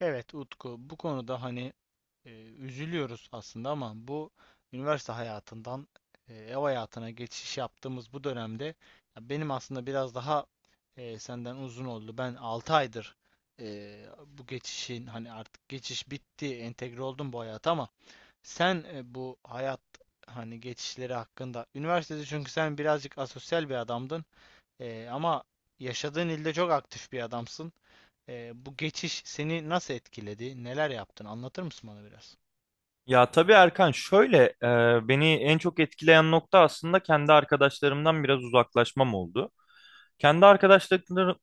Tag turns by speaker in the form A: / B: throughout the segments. A: Evet Utku, bu konuda hani üzülüyoruz aslında ama bu üniversite hayatından ev hayatına geçiş yaptığımız bu dönemde ya benim aslında biraz daha senden uzun oldu. Ben 6 aydır bu geçişin hani artık geçiş bitti, entegre oldum bu hayata ama sen bu hayat hani geçişleri hakkında üniversitede, çünkü sen birazcık asosyal bir adamdın ama yaşadığın ilde çok aktif bir adamsın. Bu geçiş seni nasıl etkiledi? Neler yaptın? Anlatır mısın bana biraz?
B: Ya tabii Erkan şöyle beni en çok etkileyen nokta aslında kendi arkadaşlarımdan biraz uzaklaşmam oldu. Kendi arkadaşlıklarım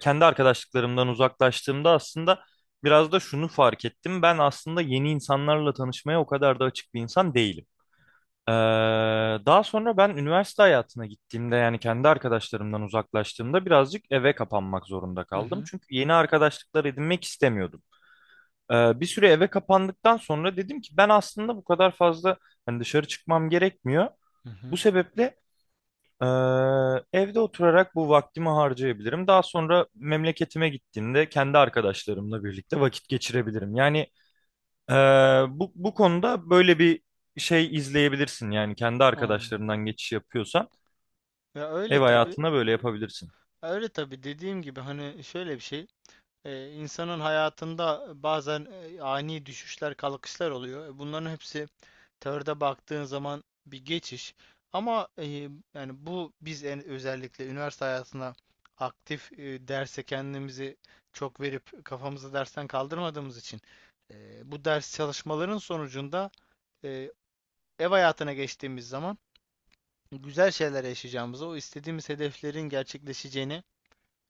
B: Kendi arkadaşlıklarımdan uzaklaştığımda aslında biraz da şunu fark ettim. Ben aslında yeni insanlarla tanışmaya o kadar da açık bir insan değilim. Ee, Daha sonra ben üniversite hayatına gittiğimde yani kendi arkadaşlarımdan uzaklaştığımda birazcık eve kapanmak zorunda
A: Hı
B: kaldım.
A: hı,
B: Çünkü yeni arkadaşlıklar edinmek istemiyordum. Bir süre eve kapandıktan sonra dedim ki ben aslında bu kadar fazla hani dışarı çıkmam gerekmiyor.
A: hı
B: Bu
A: hı.
B: sebeple ee, evde oturarak bu vaktimi harcayabilirim. Daha sonra memleketime gittiğimde kendi arkadaşlarımla birlikte vakit geçirebilirim. Yani ee, bu konuda böyle bir şey izleyebilirsin. Yani kendi
A: Anladım.
B: arkadaşlarından geçiş yapıyorsan
A: Ya öyle
B: ev
A: tabii.
B: hayatına böyle yapabilirsin.
A: Öyle tabii, dediğim gibi hani şöyle bir şey. İnsanın hayatında bazen ani düşüşler, kalkışlar oluyor. Bunların hepsi teoride baktığın zaman bir geçiş. Ama yani bu biz özellikle üniversite hayatına aktif derse kendimizi çok verip kafamızı dersten kaldırmadığımız için bu ders çalışmaların sonucunda e, ev hayatına geçtiğimiz zaman güzel şeyler yaşayacağımızı, o istediğimiz hedeflerin gerçekleşeceğini,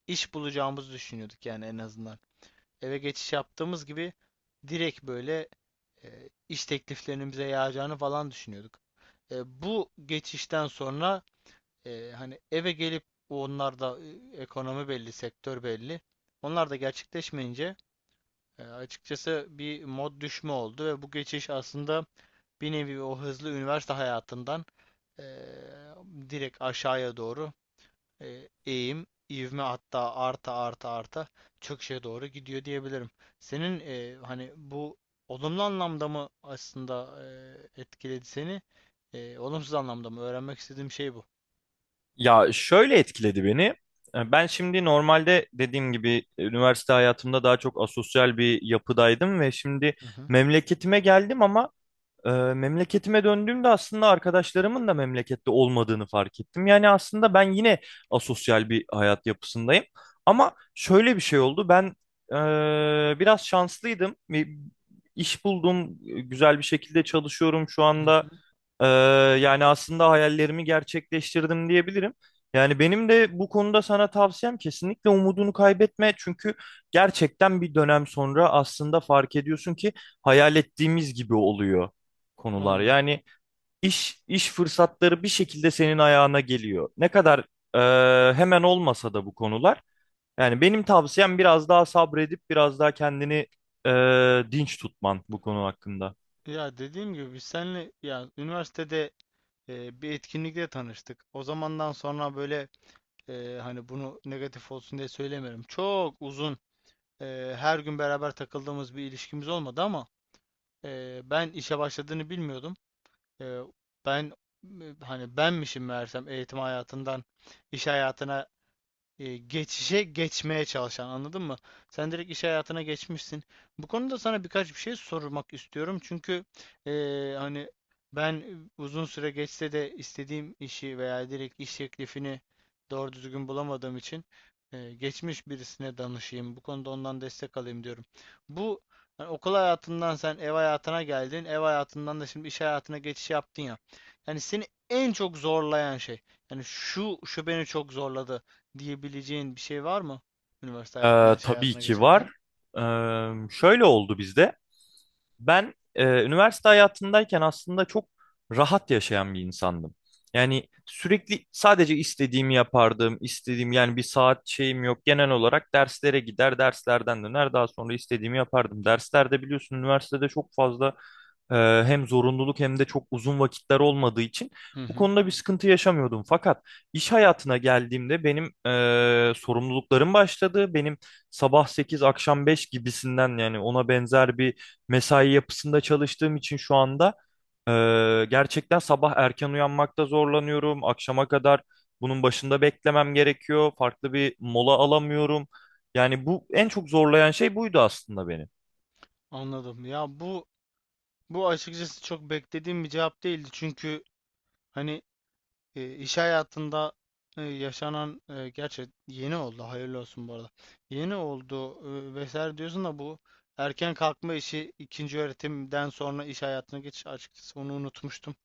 A: iş bulacağımızı düşünüyorduk yani en azından. Eve geçiş yaptığımız gibi direkt böyle iş tekliflerinin bize yağacağını falan düşünüyorduk. Bu geçişten sonra hani eve gelip onlar da ekonomi belli, sektör belli. Onlar da gerçekleşmeyince açıkçası bir mod düşme oldu ve bu geçiş aslında bir nevi o hızlı üniversite hayatından eee, direkt aşağıya doğru eğim, ivme, hatta arta arta arta çöküşe doğru gidiyor diyebilirim. Senin hani bu olumlu anlamda mı aslında etkiledi seni? Olumsuz anlamda mı? Öğrenmek istediğim şey bu.
B: Ya şöyle etkiledi beni. Ben şimdi normalde dediğim gibi üniversite hayatımda daha çok asosyal bir yapıdaydım ve şimdi
A: Hı hı.
B: memleketime geldim ama memleketime döndüğümde aslında arkadaşlarımın da memlekette olmadığını fark ettim. Yani aslında ben yine asosyal bir hayat yapısındayım. Ama şöyle bir şey oldu. Ben biraz şanslıydım. Bir iş buldum. Güzel bir şekilde çalışıyorum şu
A: Hı
B: anda.
A: hı.
B: Ee, Yani aslında hayallerimi gerçekleştirdim diyebilirim. Yani benim de bu konuda sana tavsiyem kesinlikle umudunu kaybetme. Çünkü gerçekten bir dönem sonra aslında fark ediyorsun ki hayal ettiğimiz gibi oluyor konular.
A: Anladım.
B: Yani iş fırsatları bir şekilde senin ayağına geliyor. Ne kadar hemen olmasa da bu konular. Yani benim tavsiyem biraz daha sabredip biraz daha kendini dinç tutman bu konu hakkında.
A: Ya dediğim gibi biz seninle ya üniversitede bir etkinlikte tanıştık. O zamandan sonra böyle hani bunu negatif olsun diye söylemiyorum. Çok uzun her gün beraber takıldığımız bir ilişkimiz olmadı ama ben işe başladığını bilmiyordum. Eee, Ben hani benmişim meğersem eğitim hayatından iş hayatına geçişe geçmeye çalışan, anladın mı? Sen direkt iş hayatına geçmişsin. Bu konuda sana birkaç bir şey sormak istiyorum. Çünkü e, hani ben uzun süre geçse de istediğim işi veya direkt iş teklifini doğru düzgün bulamadığım için geçmiş birisine danışayım. Bu konuda ondan destek alayım diyorum. Bu hani okul hayatından sen ev hayatına geldin. Ev hayatından da şimdi iş hayatına geçiş yaptın ya. Yani seni en çok zorlayan şey. Yani şu beni çok zorladı diyebileceğin bir şey var mı? Üniversite hayatına, iş
B: Tabii
A: hayatına
B: ki var.
A: geçerken.
B: Şöyle oldu bizde. Ben üniversite hayatındayken aslında çok rahat yaşayan bir insandım. Yani sürekli sadece istediğimi yapardım, istediğim yani bir saat şeyim yok. Genel olarak derslere gider, derslerden döner, daha sonra istediğimi yapardım. Derslerde biliyorsun üniversitede çok fazla ee, hem zorunluluk hem de çok uzun vakitler olmadığı için
A: Hı
B: bu
A: hı.
B: konuda bir sıkıntı yaşamıyordum. Fakat iş hayatına geldiğimde benim sorumluluklarım başladı. Benim sabah 8 akşam 5 gibisinden yani ona benzer bir mesai yapısında çalıştığım için şu anda gerçekten sabah erken uyanmakta zorlanıyorum. Akşama kadar bunun başında beklemem gerekiyor. Farklı bir mola alamıyorum. Yani bu en çok zorlayan şey buydu aslında beni.
A: Anladım. Ya bu açıkçası çok beklediğim bir cevap değildi. Çünkü hani iş hayatında yaşanan gerçi yeni oldu. Hayırlı olsun bu arada. Yeni oldu vesaire diyorsun da bu erken kalkma işi, ikinci öğretimden sonra iş hayatına geçiş, açıkçası onu unutmuştum.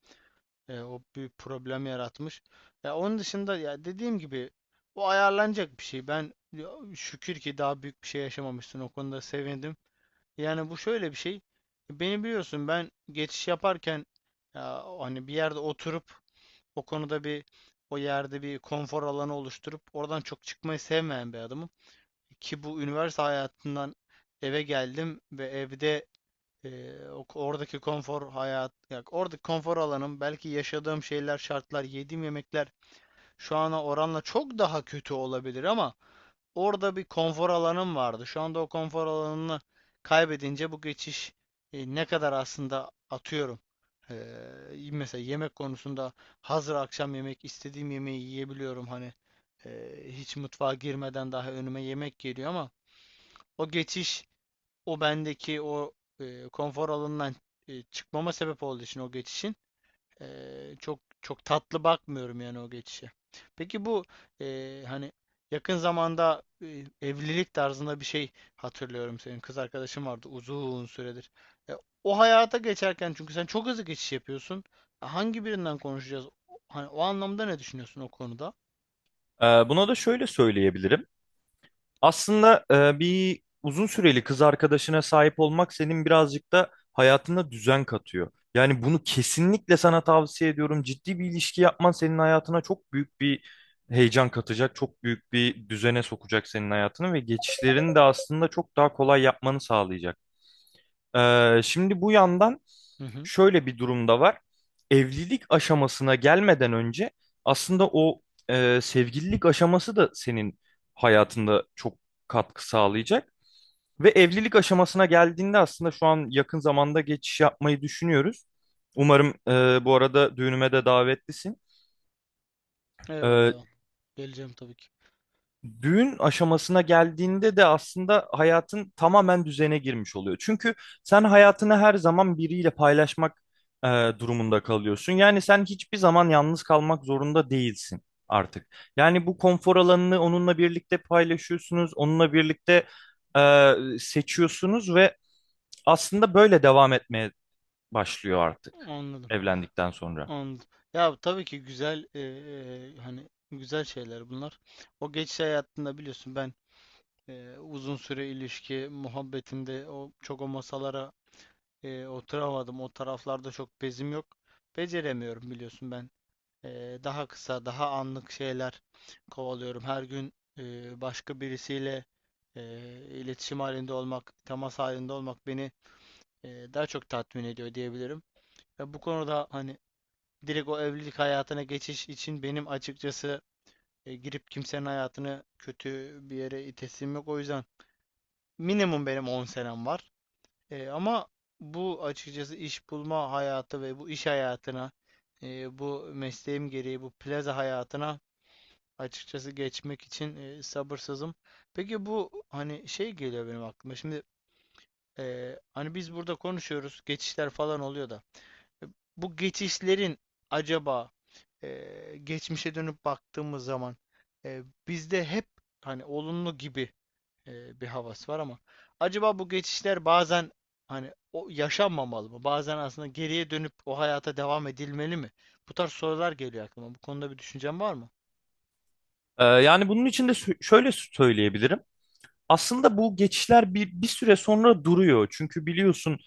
A: O bir problem yaratmış. Ya onun dışında ya dediğim gibi o ayarlanacak bir şey. Ben ya, şükür ki daha büyük bir şey yaşamamışsın. O konuda sevindim. Yani bu şöyle bir şey. Beni biliyorsun, ben geçiş yaparken ya, hani bir yerde oturup o konuda bir o yerde bir konfor alanı oluşturup oradan çok çıkmayı sevmeyen bir adamım. Ki bu üniversite hayatından eve geldim ve evde oradaki konfor hayat, ya oradaki konfor alanım, belki yaşadığım şeyler, şartlar, yediğim yemekler şu ana oranla çok daha kötü olabilir ama orada bir konfor alanım vardı. Şu anda o konfor alanını kaybedince bu geçiş ne kadar aslında atıyorum. Mesela yemek konusunda hazır akşam yemek istediğim yemeği yiyebiliyorum, hani hiç mutfağa girmeden daha önüme yemek geliyor ama o geçiş, o bendeki o konfor alanından çıkmama sebep olduğu için o geçişin, çok çok tatlı bakmıyorum yani o geçişe. Peki bu hani yakın zamanda evlilik tarzında bir şey hatırlıyorum, senin kız arkadaşın vardı uzun süredir. E, O hayata geçerken, çünkü sen çok hızlı geçiş yapıyorsun. Hangi birinden konuşacağız? Hani o anlamda ne düşünüyorsun o konuda?
B: Buna da şöyle söyleyebilirim. Aslında bir uzun süreli kız arkadaşına sahip olmak senin birazcık da hayatına düzen katıyor. Yani bunu kesinlikle sana tavsiye ediyorum. Ciddi bir ilişki yapman senin hayatına çok büyük bir heyecan katacak, çok büyük bir düzene sokacak senin hayatını ve geçişlerini de aslında çok daha kolay yapmanı sağlayacak. Şimdi bu yandan
A: Hı hı.
B: şöyle bir durum da var. Evlilik aşamasına gelmeden önce aslında o sevgililik aşaması da senin hayatında çok katkı sağlayacak. Ve evlilik aşamasına geldiğinde aslında şu an yakın zamanda geçiş yapmayı düşünüyoruz. Umarım bu arada düğünüme de davetlisin.
A: Eyvallah,
B: E,
A: eyvallah. Geleceğim tabii ki.
B: Düğün aşamasına geldiğinde de aslında hayatın tamamen düzene girmiş oluyor. Çünkü sen hayatını her zaman biriyle paylaşmak e, durumunda kalıyorsun. Yani sen hiçbir zaman yalnız kalmak zorunda değilsin artık. Yani bu konfor alanını onunla birlikte paylaşıyorsunuz, onunla birlikte e, seçiyorsunuz ve aslında böyle devam etmeye başlıyor artık
A: Anladım.
B: evlendikten sonra.
A: Anladım. Ya tabii ki güzel, hani güzel şeyler bunlar. O geçiş hayatında biliyorsun ben uzun süre ilişki muhabbetinde o çok o masalara oturamadım. O taraflarda çok bezim yok. Beceremiyorum, biliyorsun ben. Daha kısa, daha anlık şeyler kovalıyorum. Her gün başka birisiyle eee, iletişim halinde olmak, temas halinde olmak beni daha çok tatmin ediyor diyebilirim. Ve bu konuda hani direkt o evlilik hayatına geçiş için benim açıkçası girip kimsenin hayatını kötü bir yere itesim yok. O yüzden minimum benim 10 senem var. Ama bu açıkçası iş bulma hayatı ve bu iş hayatına, bu mesleğim gereği bu plaza hayatına açıkçası geçmek için sabırsızım. Peki bu hani şey geliyor benim aklıma. Şimdi hani biz burada konuşuyoruz, geçişler falan oluyor da. E, Bu geçişlerin acaba geçmişe dönüp baktığımız zaman e, bizde hep hani olumlu gibi bir havas var ama acaba bu geçişler bazen hani o yaşanmamalı mı? Bazen aslında geriye dönüp o hayata devam edilmeli mi? Bu tarz sorular geliyor aklıma. Bu konuda bir düşüncen var mı?
B: Yani bunun için de şöyle söyleyebilirim. Aslında bu geçişler bir süre sonra duruyor. Çünkü biliyorsun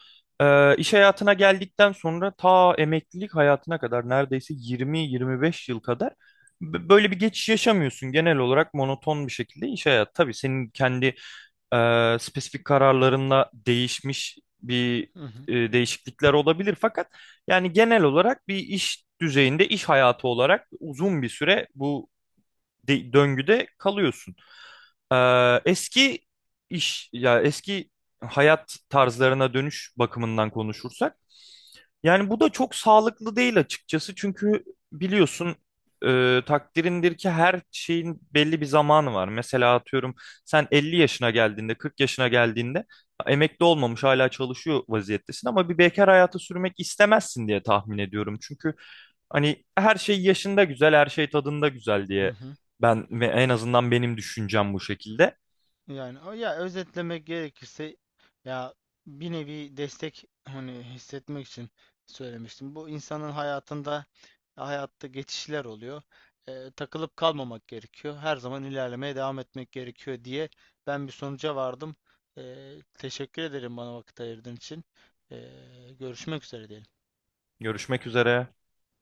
B: iş hayatına geldikten sonra ta emeklilik hayatına kadar neredeyse 20-25 yıl kadar böyle bir geçiş yaşamıyorsun. Genel olarak monoton bir şekilde iş hayatı. Tabii senin kendi spesifik kararlarınla değişmiş bir
A: Hı hı.
B: değişiklikler olabilir. Fakat yani genel olarak bir iş düzeyinde, iş hayatı olarak uzun bir süre bu döngüde kalıyorsun. Eski iş ya eski hayat tarzlarına dönüş bakımından konuşursak yani bu da çok sağlıklı değil açıkçası çünkü biliyorsun takdirindir ki her şeyin belli bir zamanı var. Mesela atıyorum sen 50 yaşına geldiğinde 40 yaşına geldiğinde emekli olmamış hala çalışıyor vaziyettesin ama bir bekar hayatı sürmek istemezsin diye tahmin ediyorum. Çünkü hani her şey yaşında güzel her şey tadında güzel
A: Hı
B: diye
A: hı.
B: ben ve en azından benim düşüncem bu şekilde.
A: Yani ya özetlemek gerekirse ya bir nevi destek hani hissetmek için söylemiştim. Bu insanın hayatında, hayatta geçişler oluyor. Takılıp kalmamak gerekiyor. Her zaman ilerlemeye devam etmek gerekiyor diye ben bir sonuca vardım. Teşekkür ederim bana vakit ayırdığın için. Görüşmek üzere diyelim.
B: Görüşmek üzere.